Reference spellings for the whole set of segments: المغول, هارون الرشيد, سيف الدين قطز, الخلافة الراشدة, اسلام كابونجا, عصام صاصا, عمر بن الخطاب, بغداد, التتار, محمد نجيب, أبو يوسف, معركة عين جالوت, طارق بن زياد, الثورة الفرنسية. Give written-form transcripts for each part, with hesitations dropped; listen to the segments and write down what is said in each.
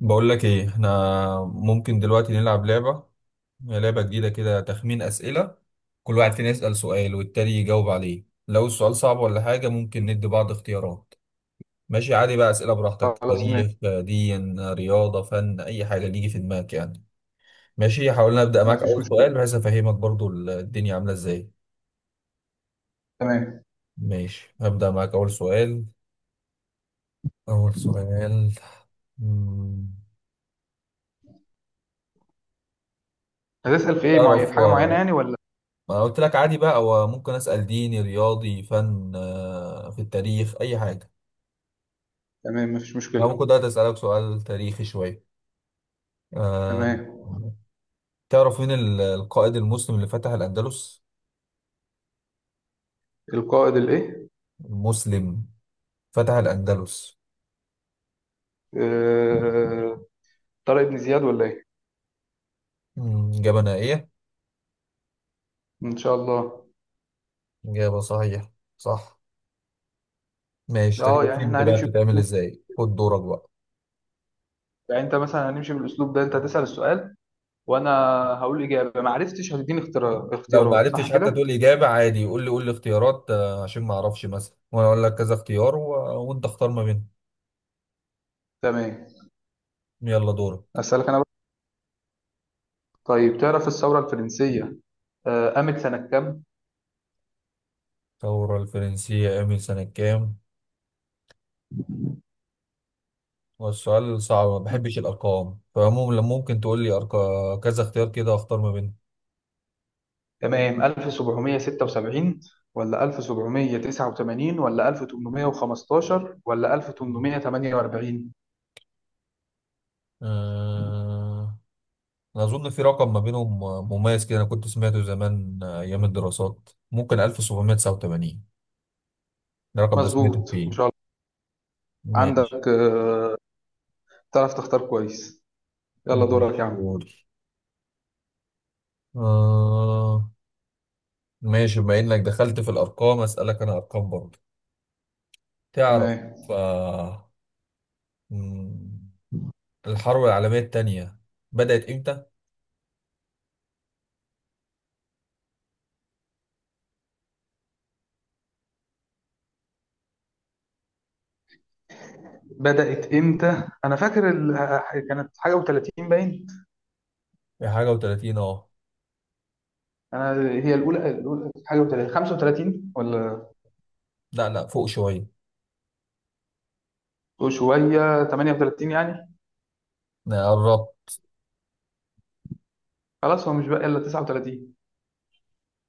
بقول لك ايه؟ احنا ممكن دلوقتي نلعب لعبة، هي لعبة جديدة كده، تخمين أسئلة. كل واحد فينا يسأل سؤال والتاني يجاوب عليه، لو السؤال صعب ولا حاجة ممكن ندي بعض اختيارات. ماشي، عادي بقى، أسئلة براحتك، خلاص، ماشي. تاريخ دين رياضة فن أي حاجة اللي يجي في دماغك يعني. ماشي، حاولنا أبدأ ما معاك فيش أول سؤال مشكلة. بحيث أفهمك برضو الدنيا عاملة إزاي. تمام. ماشي، هبدأ معاك أول سؤال. أول سؤال. مم. هتسأل في ايه معين، تعرف؟ في حاجة معينة يعني ولا؟ ما انا قلت لك عادي بقى، هو ممكن اسال ديني رياضي فن، في التاريخ اي حاجه. تمام، ما فيش انا مشكلة. ممكن دلوقتي اسالك سؤال تاريخي شويه، آه، تمام. تعرف مين القائد المسلم اللي فتح الاندلس؟ القائد الايه؟ مسلم، فتح الاندلس. آه... طارق بن زياد ولا ايه؟ اجابه نهائيه؟ ان شاء الله. اجابه صحيحه، صح. ماشي، انت اه، كده يعني فهمت احنا بقى هنمشي بتتعمل بالأسلوب ده. ازاي، خد دورك بقى. يعني انت مثلا هنمشي بالاسلوب ده، انت هتسأل السؤال وانا هقول اجابة، ما عرفتش هتديني لو ما اختيارات، صح عرفتش حتى كده؟ تقول اجابه عادي، قول لي، قول لي اختيارات، عشان ما اعرفش مثلا، وانا اقول لك كذا اختيار وانت اختار ما بينهم. تمام، يلا دورك. اسألك انا بقى. طيب، تعرف الثورة الفرنسية قامت سنة الثورة الفرنسية قامت سنة كام؟ كام؟ والسؤال صعب ما بحبش الأرقام، فعموما لما ممكن تقول لي أرقام كذا اختيار كده أختار ما بينهم. تمام، 1776 ولا 1789 ولا 1815 ولا 1848؟ أه... أنا أظن في رقم ما بينهم مميز كده، أنا كنت سمعته زمان، أيام الدراسات، ممكن 1789، ده الرقم ده سمعته مظبوط ما فيه. شاء الله. ماشي. عندك، تعرف تختار كويس. يلا دورك ماشي يا عم. يوري. أه... ماشي، بما إنك دخلت في الأرقام أسألك أنا أرقام برضه. تعرف، تمام. أه... مم، الحرب العالمية التانية بدأت إمتى؟ بدأت امتى؟ انا فاكر كانت حاجه و30 باين. في حاجة وتلاتين، اه. انا، هي الاولى حاجه و30، 35 ولا؟ لا لا، فوق شوية. شويه 38 يعني. قربت. خلاص، هو مش بقى الا 39.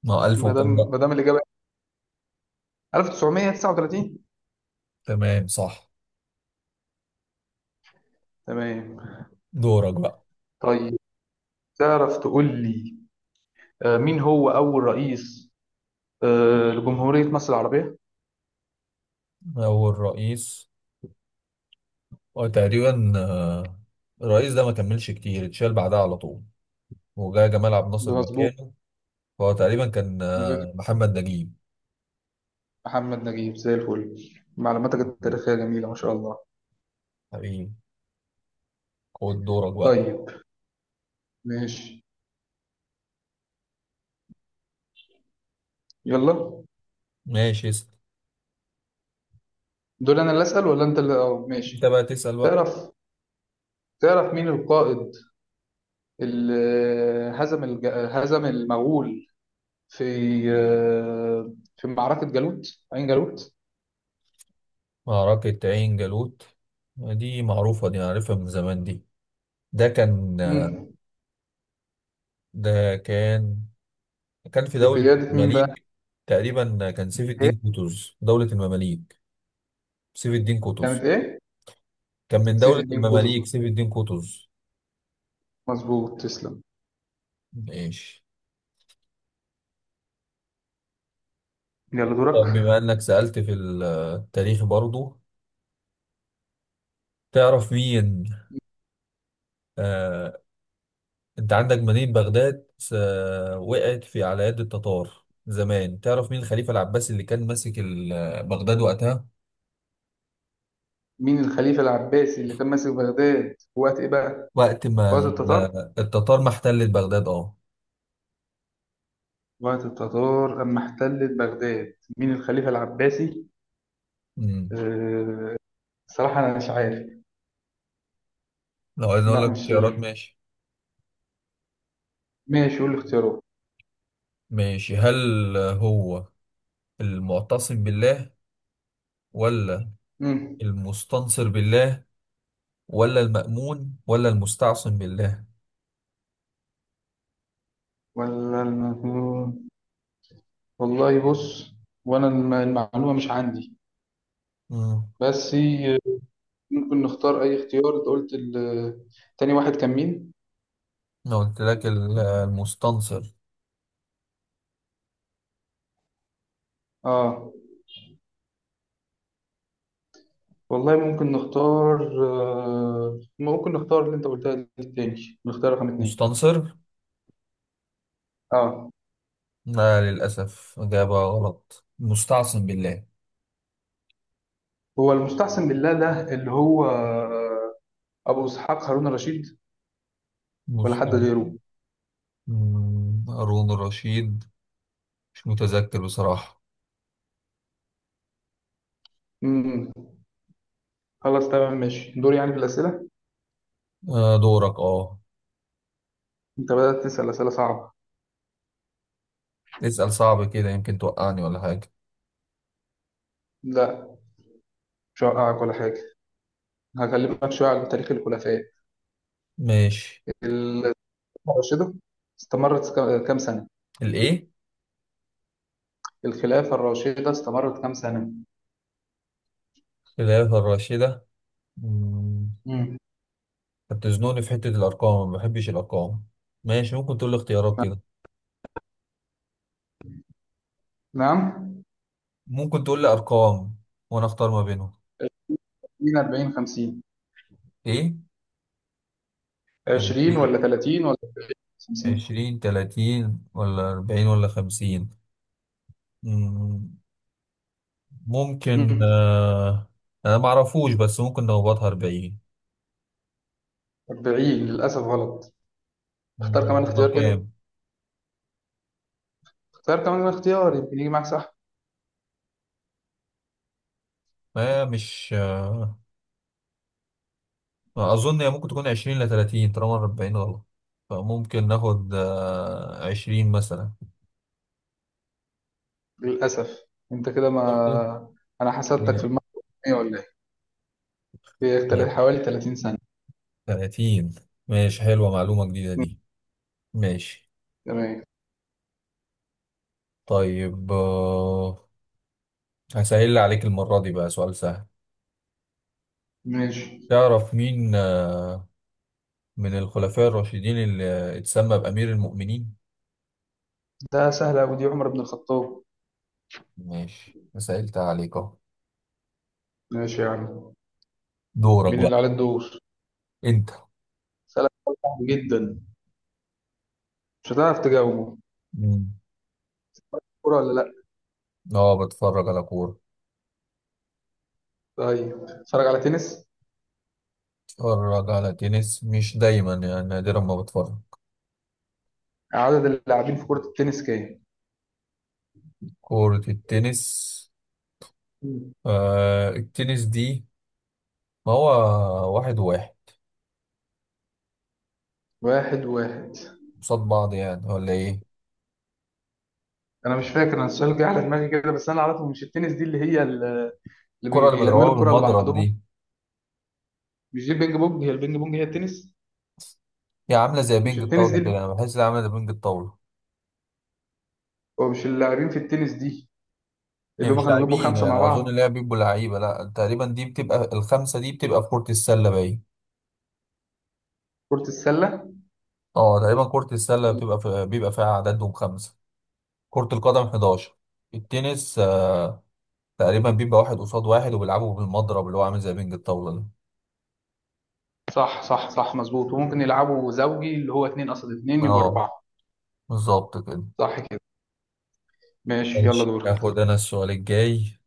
ما هو ألف ما دام وكام ما بقى؟ دام الاجابه 1939. تمام، صح. تمام. دورك بقى. طيب، تعرف تقول لي مين هو أول رئيس لجمهورية مصر العربية؟ أول رئيس، هو تقريبا، الرئيس ده ما كملش كتير، اتشال بعدها على طول وجا جمال عبد الناصر مظبوط. مكانه. فهو تقريبا كان، مدير محمد نجيب. محمد نجيب، زي الفل. معلوماتك التاريخية جميلة ما شاء الله. حبيبي، خد دورك بقى. طيب، ماشي، يلا. ماشي، اسأل. دول أنا اللي أسأل ولا أنت اللي انت ماشي؟ بقى تسأل بقى. تعرف تعرف مين القائد اللي هزم المغول في في معركة عين جالوت؟ معركة عين جالوت، دي معروفة دي، أنا عارفها من زمان دي. ده كان، مم. ده كان كان في دولة بقيادة مين بقى؟ المماليك. تقريبا كان سيف إيه؟ الدين قطز، دولة المماليك. سيف الدين كانت قطز. إيه؟ كان من سيف دولة الدين قطز. المماليك، سيف الدين قطز. مظبوط، تسلم. ماشي. يلا طب دورك. بما انك سألت في التاريخ برضو، تعرف مين، آه، انت عندك مدينة بغداد وقعت في على يد التتار زمان، تعرف مين الخليفة العباسي اللي كان ماسك بغداد وقتها؟ مين الخليفة العباسي اللي كان ماسك بغداد في وقت إيه بقى؟ وقت ما في وقت ال- التتار؟ التتار ما احتلت بغداد، اه. وقت التتار أما احتلت بغداد، مين الخليفة العباسي؟ مم. أه... صراحة أنا مش عارف. لو عايز اقول لا، لك مش اختيارات، ماشي. ماشي قول الاختيارات. ماشي، هل هو المعتصم بالله، ولا مم. المستنصر بالله، ولا المأمون، ولا المستعصم بالله؟ ولا المجنون؟ والله بص، وأنا المعلومة مش عندي. مم. بس ممكن نختار أي اختيار. أنت قلت تاني واحد كان مين؟ انا قلت لك المستنصر. آه. والله ممكن نختار، ممكن نختار اللي انت قلتها دي، التاني، نختار رقم 2. مستنصر. اه. لا للأسف، إجابة غلط، مستعصم بالله. هو المستحسن بالله ده اللي هو ابو اسحاق هارون الرشيد، ولا حد مستعصم. غيره؟ هارون الرشيد، مش متذكر بصراحة. امم خلاص، تمام، ماشي. دور يعني بالاسئله. دورك، اه. انت بدات تسال اسئله صعبه. اسأل صعب كده يمكن توقعني ولا حاجة. لا، مش هوقعك ولا حاجه. هكلمك شويه عن تاريخ الخلفاء. ماشي. الخلافه الراشده استمرت كام سنه؟ الإيه؟ الخلافه الراشده استمرت كام سنه؟ الخلافة الراشدة. مم. امم انت بتزنقني في حتة الأرقام، ما بحبش الأرقام. ماشي، ممكن تقول لي اختيارات كده، نعم. ممكن تقول لي أرقام وأنا أختار ما بينهم. 20، 40، 50. إيه؟ 20 تلاتين. ولا 30؟ 50. عشرين تلاتين ولا أربعين ولا خمسين؟ مم، ممكن، مم. أنا معرفوش، بس ممكن نخبطها أربعين. 40 للأسف غلط. اختار كمان ده اختيار كام؟ كده. اختار كمان اختيار، يمكن يجي معاك صح. ما مش، أظن هي ممكن تكون عشرين لتلاتين طالما أربعين غلط، فممكن ناخد، عشرين مثلا. للأسف. انت كده برضو ما... انا حسدتك في المية ولا ايه؟ في حوالي 30 سنة. 30. ماشي، حلوة معلومة جديدة دي. ماشي. تمام، طيب، هسهل عليك المرة دي بقى، سؤال سهل. ماشي. تعرف مين، آه، من الخلفاء الراشدين اللي اتسمى بأمير المؤمنين؟ ده سهل أوي، دي عمر بن الخطاب. ماشي، سهلت عليك اهو. ماشي يا عم. دورك مين اللي بقى. عليه الدور؟ انت. سهل، صعب جدا، مش هتعرف تجاوبه. مم. كورة ولا لأ؟ اه، بتفرج على كورة. طيب، اتفرج على تنس. بتفرج على تنس مش دايما، يعني نادرا ما بتفرج. عدد اللاعبين في كرة التنس كام؟ كورة التنس؟ مم. آه التنس دي، ما هو واحد واحد واحد واحد. قصاد بعض يعني ولا ايه؟ انا مش فاكر، انا السؤال جه على دماغي كده. بس انا اعرفه، مش التنس دي اللي هي الكرة اللي اللي بيعملوا بيضربوها الكره بالمضرب لبعضهم. دي، مش دي البينج بونج، هي البينج بونج هي التنس. هي عاملة زي مش بينج التنس دي الطاولة اللي كده، أنا بحس إنها عاملة زي بينج الطاولة. هو مش اللاعبين في التنس دي هي اللي هم مش كانوا بيبقوا لاعبين، خمسه يعني مع أنا أظن بعض؟ إن هي بيبقوا لعيبة، لأ تقريبا دي بتبقى، الخمسة دي بتبقى في كرة السلة باين. كره السله. أه تقريبا كرة السلة بتبقى في، بيبقى فيها عددهم خمسة، كرة القدم 11، التنس آه تقريبا بيبقى واحد قصاد واحد وبيلعبوا بالمضرب اللي هو عامل زي بينج الطاولة ده. صح، صح، صح، مظبوط. وممكن يلعبوا زوجي اللي هو اتنين قصاد اتنين، يبقى أه، اربعه. بالظبط كده. صح كده. ماشي، يلا ماشي، دورك. آخد أنا السؤال الجاي.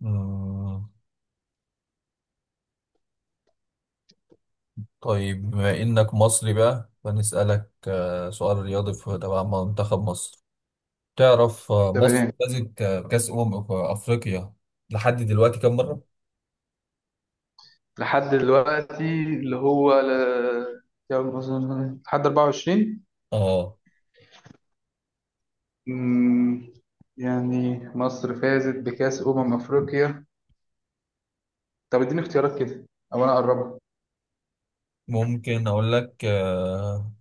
مم. طيب بما إنك مصري بقى فنسألك، سؤال رياضي في تبع منتخب مصر. تعرف، تمام. مصر فازت، بكأس أمم في أفريقيا لحد دلوقتي كم مرة؟ لحد دلوقتي اللي هو يلا مثلاً لحد 24؟ آه. أمم، يعني مصر فازت بكأس أمم أفريقيا. طب اديني اختيارات كده، او انا اقربها. ممكن أقول لك،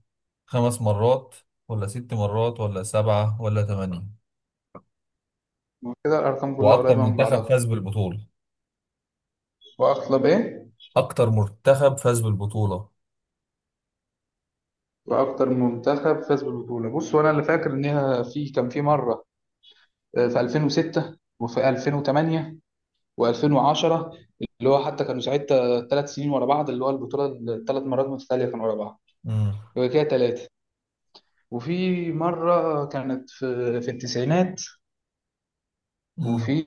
خمس مرات ولا ست مرات ولا سبعة ولا ثمانية. كده الارقام كلها وأكتر قريبه من منتخب بعضها. فاز بالبطولة. واغلب ايه؟ أكتر منتخب فاز بالبطولة. واكتر منتخب فاز بالبطوله. بص، وانا اللي فاكر ان هي في كان في مره في 2006 وفي 2008 و2010. اللي هو حتى كانوا ساعتها 3 سنين ورا بعض، اللي هو البطوله، الثلاث مرات متتاليه كانوا ورا بعض. مم. يبقى كده ثلاثه. وفي مره كانت في التسعينات. مم. وفي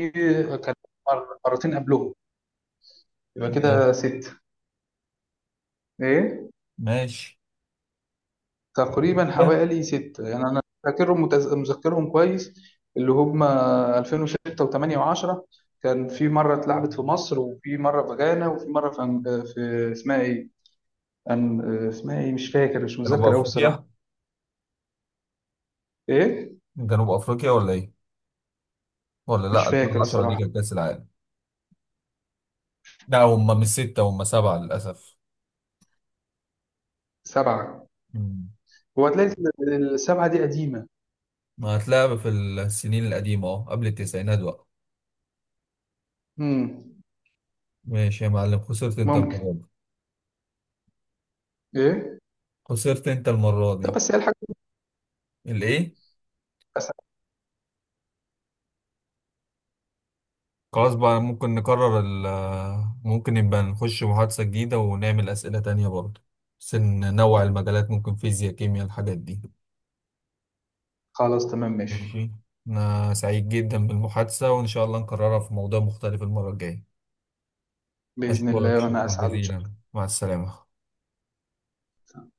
كانت مرتين قبلهم. يبقى كده ماشي. ست. ايه. ماشي. تقريبا حوالي ستة يعني، أنا فاكرهم، مذكرهم كويس. اللي هم 2006 و8 و10. كان في مرة اتلعبت في مصر، وفي مرة في غانا، وفي مرة في, في اسمها إيه؟ أن- اسمها إيه؟ مش فاكر، مش جنوب متذكر أوي الصراحة. أفريقيا. إيه؟ جنوب أفريقيا ولا إيه؟ ولا مش لأ فاكر 2010 دي الصراحة. كانت كأس العالم. لا هم مش ستة، هم سبعة للأسف. سبعة. مم. هو هتلاقي السبعة دي قديمة. ما هتلاعب في السنين القديمة أهو، قبل التسعينات بقى. مم. ماشي يا معلم، خسرت أنت ممكن. المرة دي. إيه؟ خسرت أنت المرة طب دي. بس هي الحاجة. الإيه؟ أسعد. خلاص بقى، ممكن نكرر ال، ممكن نبقى نخش محادثة جديدة ونعمل أسئلة تانية برضه، بس ننوع المجالات، ممكن فيزياء كيمياء الحاجات دي. خلاص، تمام، ماشي. ماشي. أنا سعيد جدا بالمحادثة وإن شاء الله نكررها في موضوع مختلف المرة الجاية. بإذن أشكرك الله، وأنا شكرا أسعد إن شاء جزيلا، مع السلامة. الله.